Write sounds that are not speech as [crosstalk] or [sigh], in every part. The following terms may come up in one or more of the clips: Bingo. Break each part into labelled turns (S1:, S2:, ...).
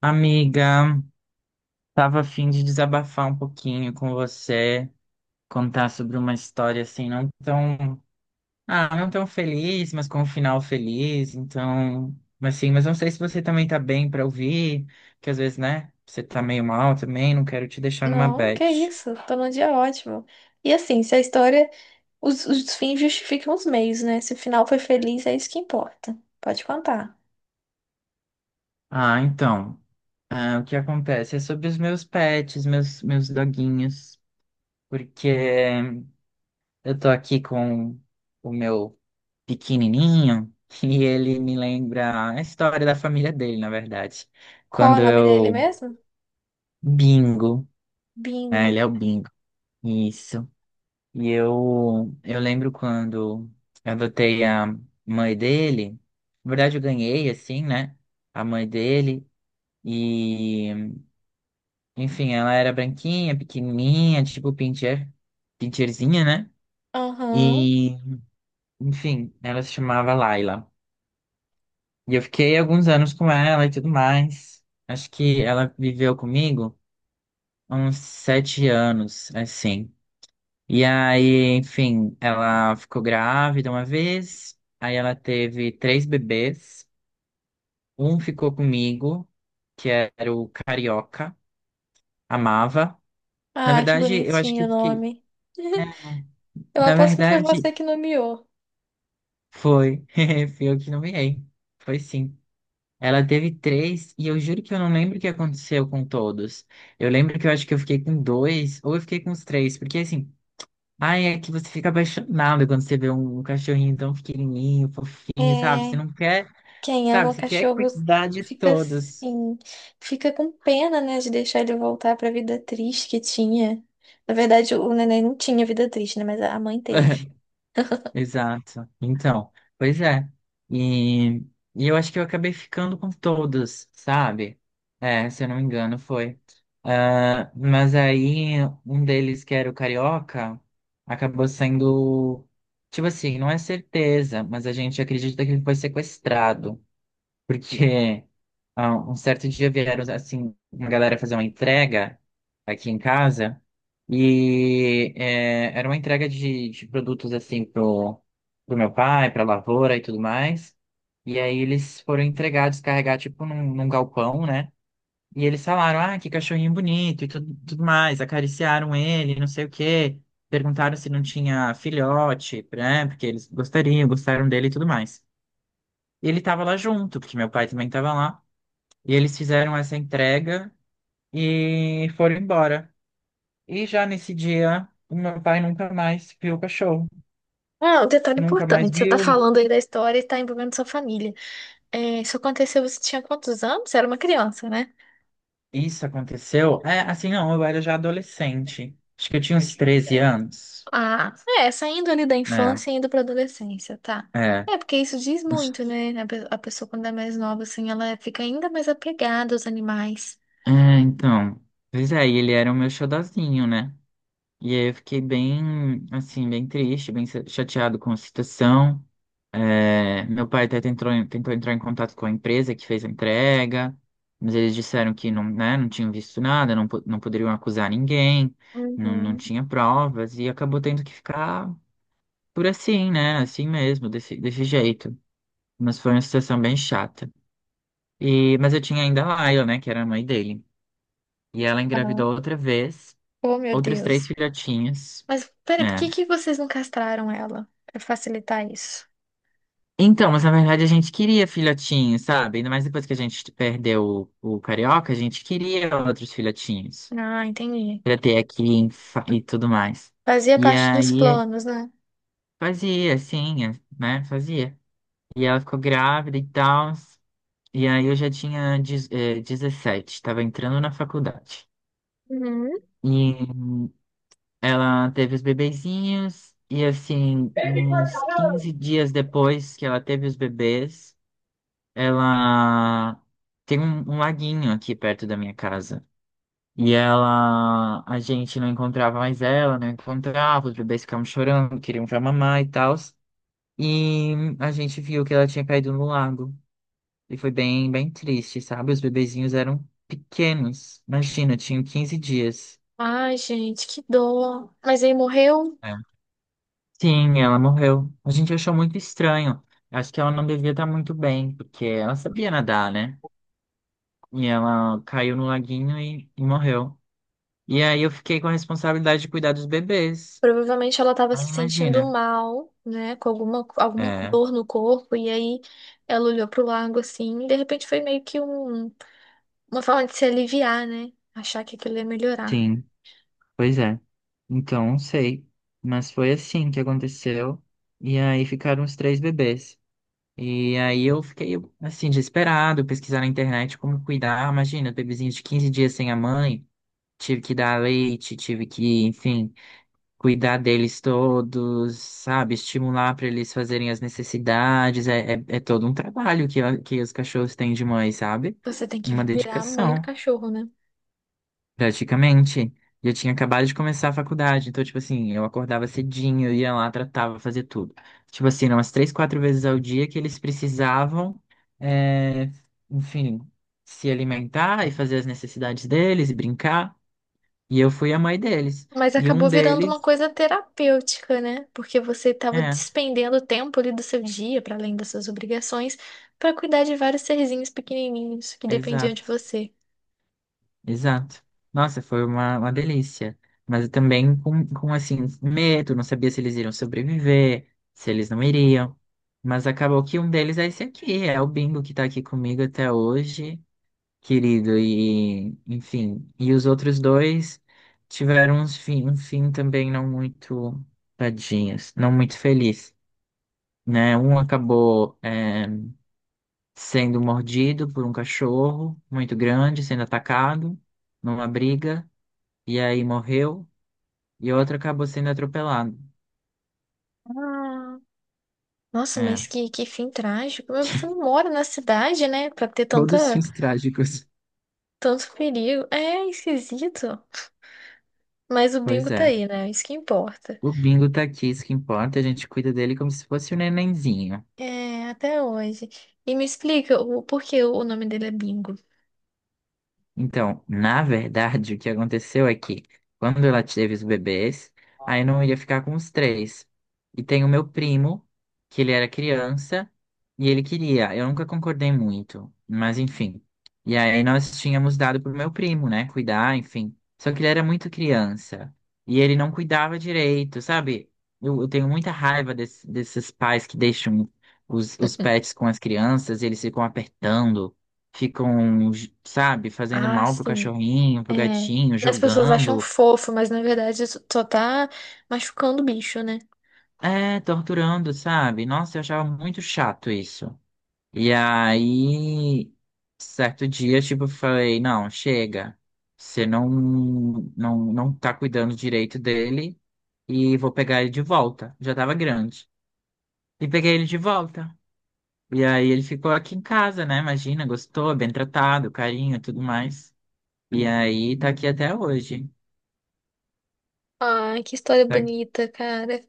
S1: Amiga, tava a fim de desabafar um pouquinho com você, contar sobre uma história assim, não tão feliz, mas com um final feliz, então, mas assim, mas não sei se você também tá bem pra ouvir, que às vezes, né, você tá meio mal também, não quero te deixar numa
S2: Não, que
S1: bad.
S2: isso, tô num dia ótimo. E assim, se a história, os fins justificam os meios, né? Se o final foi feliz, é isso que importa. Pode contar.
S1: Ah, então, o que acontece é sobre os meus pets, meus doguinhos, porque eu tô aqui com o meu pequenininho [laughs] e ele me lembra a história da família dele, na verdade.
S2: Qual é
S1: Quando
S2: o nome dele
S1: eu
S2: mesmo?
S1: Bingo, né? Ele
S2: Bingo.
S1: é o Bingo. Isso. E eu lembro quando eu adotei a mãe dele. Na verdade, eu ganhei assim, né? A mãe dele e enfim, ela era branquinha, pequenininha, tipo pincher, pincherzinha, né?
S2: Aham.
S1: E enfim, ela se chamava Laila. E eu fiquei alguns anos com ela e tudo mais. Acho que ela viveu comigo uns 7 anos, assim. E aí, enfim, ela ficou grávida uma vez. Aí ela teve três bebês. Um ficou comigo, que era o Carioca. Amava. Na
S2: Ah, que
S1: verdade, eu acho que
S2: bonitinho
S1: o
S2: o
S1: que,
S2: nome.
S1: é,
S2: [laughs] Eu
S1: na
S2: aposto que foi
S1: verdade,
S2: você que nomeou.
S1: foi. [laughs] Fui eu que nomeei. Foi sim. Ela teve três, e eu juro que eu não lembro o que aconteceu com todos. Eu lembro que eu acho que eu fiquei com dois, ou eu fiquei com os três, porque assim, ai, é que você fica apaixonado quando você vê um cachorrinho tão pequenininho,
S2: É,
S1: fofinho, sabe? Você não quer,
S2: quem
S1: sabe?
S2: ama
S1: Você quer
S2: cachorros
S1: cuidar de
S2: fica
S1: todos.
S2: assim, fica com pena, né, de deixar ele voltar pra vida triste que tinha. Na verdade, o neném não tinha vida triste, né, mas a mãe teve.
S1: [laughs] Exato. Então, pois é. E, e eu acho que eu acabei ficando com todos, sabe? É, se eu não me engano, foi. Ah, mas aí, um deles, que era o Carioca, acabou sendo. Tipo assim, não é certeza, mas a gente acredita que ele foi sequestrado. Porque um certo dia vieram, assim, uma galera fazer uma entrega aqui em casa. E era uma entrega de produtos, assim, pro meu pai, pra lavoura e tudo mais. E aí eles foram entregar, descarregar, tipo, num galpão, né? E eles falaram, ah, que cachorrinho bonito e tudo mais. Acariciaram ele, não sei o quê. Perguntaram se não tinha filhote, né? Porque eles gostariam, gostaram dele e tudo mais. E ele tava lá junto, porque meu pai também tava lá. E eles fizeram essa entrega e foram embora. E já nesse dia, o meu pai nunca mais viu o cachorro.
S2: Ah, um detalhe
S1: Nunca mais
S2: importante. Você tá
S1: viu.
S2: falando aí da história e tá envolvendo sua família. É, isso aconteceu, você tinha quantos anos? Você era uma criança, né?
S1: Isso aconteceu. É, assim, não, eu era já adolescente. Acho que eu tinha uns 13 anos.
S2: Ah, é, saindo ali da
S1: Né?
S2: infância e indo pra adolescência, tá?
S1: É.
S2: É, porque isso diz muito, né? A pessoa, quando é mais nova, assim, ela fica ainda mais apegada aos animais.
S1: É, então. Pois é, e ele era o meu xodozinho, né? E aí eu fiquei bem, assim, bem triste, bem chateado com a situação. É, meu pai até tentou entrar em contato com a empresa que fez a entrega, mas eles disseram que não, né, não tinham visto nada, não, não poderiam acusar ninguém, não, não
S2: Uhum.
S1: tinha provas, e acabou tendo que ficar por assim, né? Assim mesmo, desse jeito. Mas foi uma situação bem chata. Mas eu tinha ainda a Laila, né, que era a mãe dele. E ela
S2: Ah,
S1: engravidou outra vez,
S2: oh, meu
S1: outros três
S2: Deus.
S1: filhotinhos.
S2: Mas, peraí, por
S1: É,
S2: que que vocês não castraram ela? Pra facilitar isso.
S1: então, mas na verdade a gente queria filhotinhos, sabe? Ainda mais depois que a gente perdeu o Carioca, a gente queria outros filhotinhos
S2: Ah, entendi.
S1: pra ter aqui e tudo mais.
S2: Fazia
S1: E
S2: parte dos
S1: aí
S2: planos, né?
S1: fazia, assim, né? Fazia. E ela ficou grávida e tal. E aí eu já tinha 17, tava entrando na faculdade.
S2: Uhum.
S1: E ela teve os bebezinhos, e assim, uns 15 dias depois que ela teve os bebês. Ela tem um laguinho aqui perto da minha casa. E ela, a gente não encontrava mais ela, não encontrava, os bebês ficavam chorando, queriam já mamar e tal. E a gente viu que ela tinha caído no lago. E foi bem, bem triste, sabe? Os bebezinhos eram pequenos. Imagina, tinham 15 dias.
S2: Ai, gente, que dor. Mas aí morreu.
S1: É. Sim, ela morreu. A gente achou muito estranho. Acho que ela não devia estar muito bem, porque ela sabia nadar, né? E ela caiu no laguinho e morreu. E aí eu fiquei com a responsabilidade de cuidar dos bebês.
S2: Provavelmente ela estava
S1: Aí
S2: se sentindo
S1: imagina.
S2: mal, né? Com alguma
S1: É,
S2: dor no corpo. E aí ela olhou pro lago assim. E de repente foi meio que um, uma forma de se aliviar, né? Achar que aquilo ia melhorar.
S1: sim, pois é. Então, não sei. Mas foi assim que aconteceu. E aí ficaram os três bebês. E aí eu fiquei, assim, desesperado, pesquisar na internet como cuidar. Imagina, bebezinho de 15 dias sem a mãe, tive que dar leite, tive que, enfim, cuidar deles todos, sabe? Estimular para eles fazerem as necessidades. É todo um trabalho que os cachorros têm de mãe, sabe?
S2: Você tem que
S1: Uma
S2: virar a mãe do
S1: dedicação,
S2: cachorro, né?
S1: praticamente. E eu tinha acabado de começar a faculdade, então, tipo assim, eu acordava cedinho, eu ia lá, tratava, fazia tudo. Tipo assim, eram umas três, quatro vezes ao dia que eles precisavam, é, enfim, se alimentar e fazer as necessidades deles e brincar. E eu fui a mãe deles.
S2: Mas
S1: E um
S2: acabou virando
S1: deles,
S2: uma coisa terapêutica, né? Porque você estava
S1: é,
S2: despendendo tempo ali do seu dia, para além das suas obrigações, para cuidar de vários serzinhos pequenininhos que dependiam de
S1: exato.
S2: você.
S1: Exato. Nossa, foi uma delícia. Mas eu também com, assim, medo, não sabia se eles iriam sobreviver, se eles não iriam. Mas acabou que um deles é esse aqui, é o Bingo que tá aqui comigo até hoje, querido. E, enfim, e os outros dois tiveram um fim também não muito, tadinhos, não muito feliz, né? Um acabou, sendo mordido por um cachorro muito grande, sendo atacado numa briga e aí morreu, e outro acabou sendo atropelado.
S2: Ah, nossa, mas
S1: É,
S2: que fim trágico. Mas você
S1: [laughs]
S2: não mora na cidade, né? Pra ter
S1: todos
S2: tanta,
S1: fins trágicos.
S2: tanto perigo. É esquisito. Mas o Bingo
S1: Pois
S2: tá
S1: é.
S2: aí, né? É isso que importa.
S1: O Bingo tá aqui, isso que importa, a gente cuida dele como se fosse um nenenzinho.
S2: É, até hoje. E me explica o por que o nome dele é Bingo.
S1: Então, na verdade, o que aconteceu é que quando ela teve os bebês, aí não ia ficar com os três. E tem o meu primo, que ele era criança, e ele queria. Eu nunca concordei muito, mas enfim. E aí nós tínhamos dado pro meu primo, né, cuidar, enfim. Só que ele era muito criança, e ele não cuidava direito, sabe? Eu tenho muita raiva desses pais que deixam os pets
S2: [laughs]
S1: com as crianças, e eles ficam apertando ficam, sabe, fazendo
S2: Ah,
S1: mal pro
S2: sim.
S1: cachorrinho,
S2: É.
S1: pro gatinho,
S2: E as pessoas acham
S1: jogando,
S2: fofo, mas na verdade isso só tá machucando o bicho, né?
S1: torturando, sabe? Nossa, eu achava muito chato isso. E aí, certo dia, tipo, eu falei, não, chega. Você não tá cuidando direito dele e vou pegar ele de volta. Já tava grande. E peguei ele de volta. E aí ele ficou aqui em casa, né? Imagina, gostou, bem tratado, carinho, e tudo mais. E aí tá aqui até hoje.
S2: Ah, que história
S1: Tá.
S2: bonita, cara.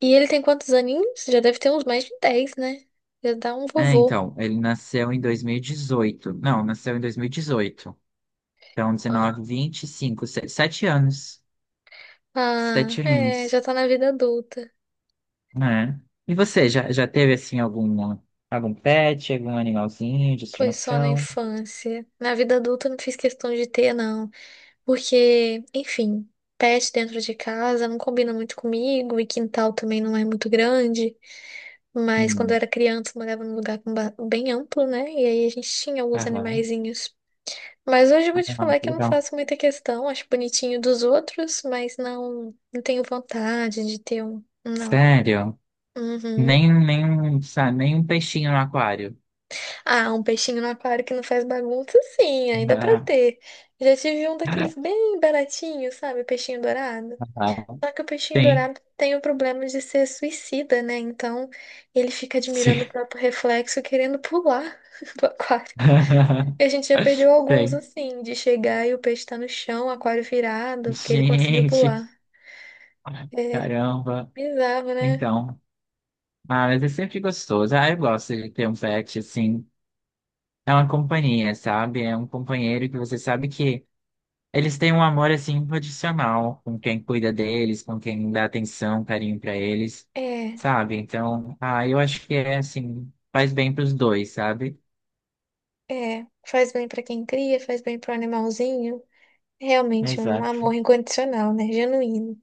S2: E ele tem quantos aninhos? Já deve ter uns mais de 10, né? Já dá um
S1: É,
S2: vovô.
S1: então, ele nasceu em 2018. Não, nasceu em 2018. Então, 19, 25, 7 anos.
S2: Ah,
S1: Sete
S2: é,
S1: anos,
S2: já tá na vida adulta.
S1: né? E você, já teve, assim, algum pet, algum animalzinho de
S2: Foi só na
S1: estimação?
S2: infância. Na vida adulta eu não fiz questão de ter, não. Porque, enfim, pet dentro de casa não combina muito comigo e quintal também não é muito grande. Mas quando eu
S1: Hum,
S2: era criança, eu morava num lugar com bem amplo, né? E aí a gente tinha alguns
S1: aham.
S2: animaizinhos. Mas hoje eu vou te
S1: Ah,
S2: falar
S1: que
S2: que eu não
S1: legal.
S2: faço muita questão, acho bonitinho dos outros, mas não, não tenho vontade de ter um. Não.
S1: Sério?
S2: Uhum.
S1: Nem um, sabe, nem um peixinho no aquário.
S2: Ah, um peixinho no aquário que não faz bagunça, sim, ainda pra
S1: [laughs]
S2: ter. Já tive um daqueles bem baratinhos, sabe? Peixinho dourado.
S1: Ah,
S2: Só que o peixinho
S1: sim,
S2: dourado tem o problema de ser suicida, né? Então ele fica
S1: sim.
S2: admirando o próprio reflexo, querendo pular [laughs] do aquário.
S1: [laughs]
S2: E a gente já perdeu alguns
S1: Tem.
S2: assim, de chegar e o peixe tá no chão, aquário virado, porque ele conseguiu
S1: Gente,
S2: pular. É
S1: caramba.
S2: bizarro, né?
S1: Então, mas é sempre gostoso. Ah, eu gosto de ter um pet, assim. É uma companhia, sabe? É um companheiro que você sabe que eles têm um amor, assim, incondicional com quem cuida deles, com quem dá atenção, carinho pra eles,
S2: É,
S1: sabe? Então, eu acho que é, assim, faz bem pros dois, sabe?
S2: é. Faz bem pra quem cria, faz bem pro animalzinho. Realmente um
S1: Exato,
S2: amor incondicional, né? Genuíno.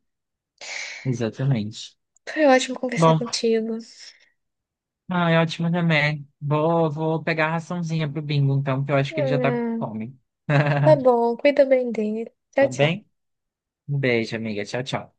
S1: exatamente.
S2: Foi ótimo conversar
S1: Bom,
S2: contigo.
S1: é ótimo também. Vou pegar a raçãozinha pro Bingo, então, que eu acho que ele já tá com
S2: Ah,
S1: fome.
S2: tá
S1: [laughs]
S2: bom, cuida bem dele. Tchau,
S1: Tá
S2: tchau.
S1: bem? Um beijo, amiga. Tchau, tchau.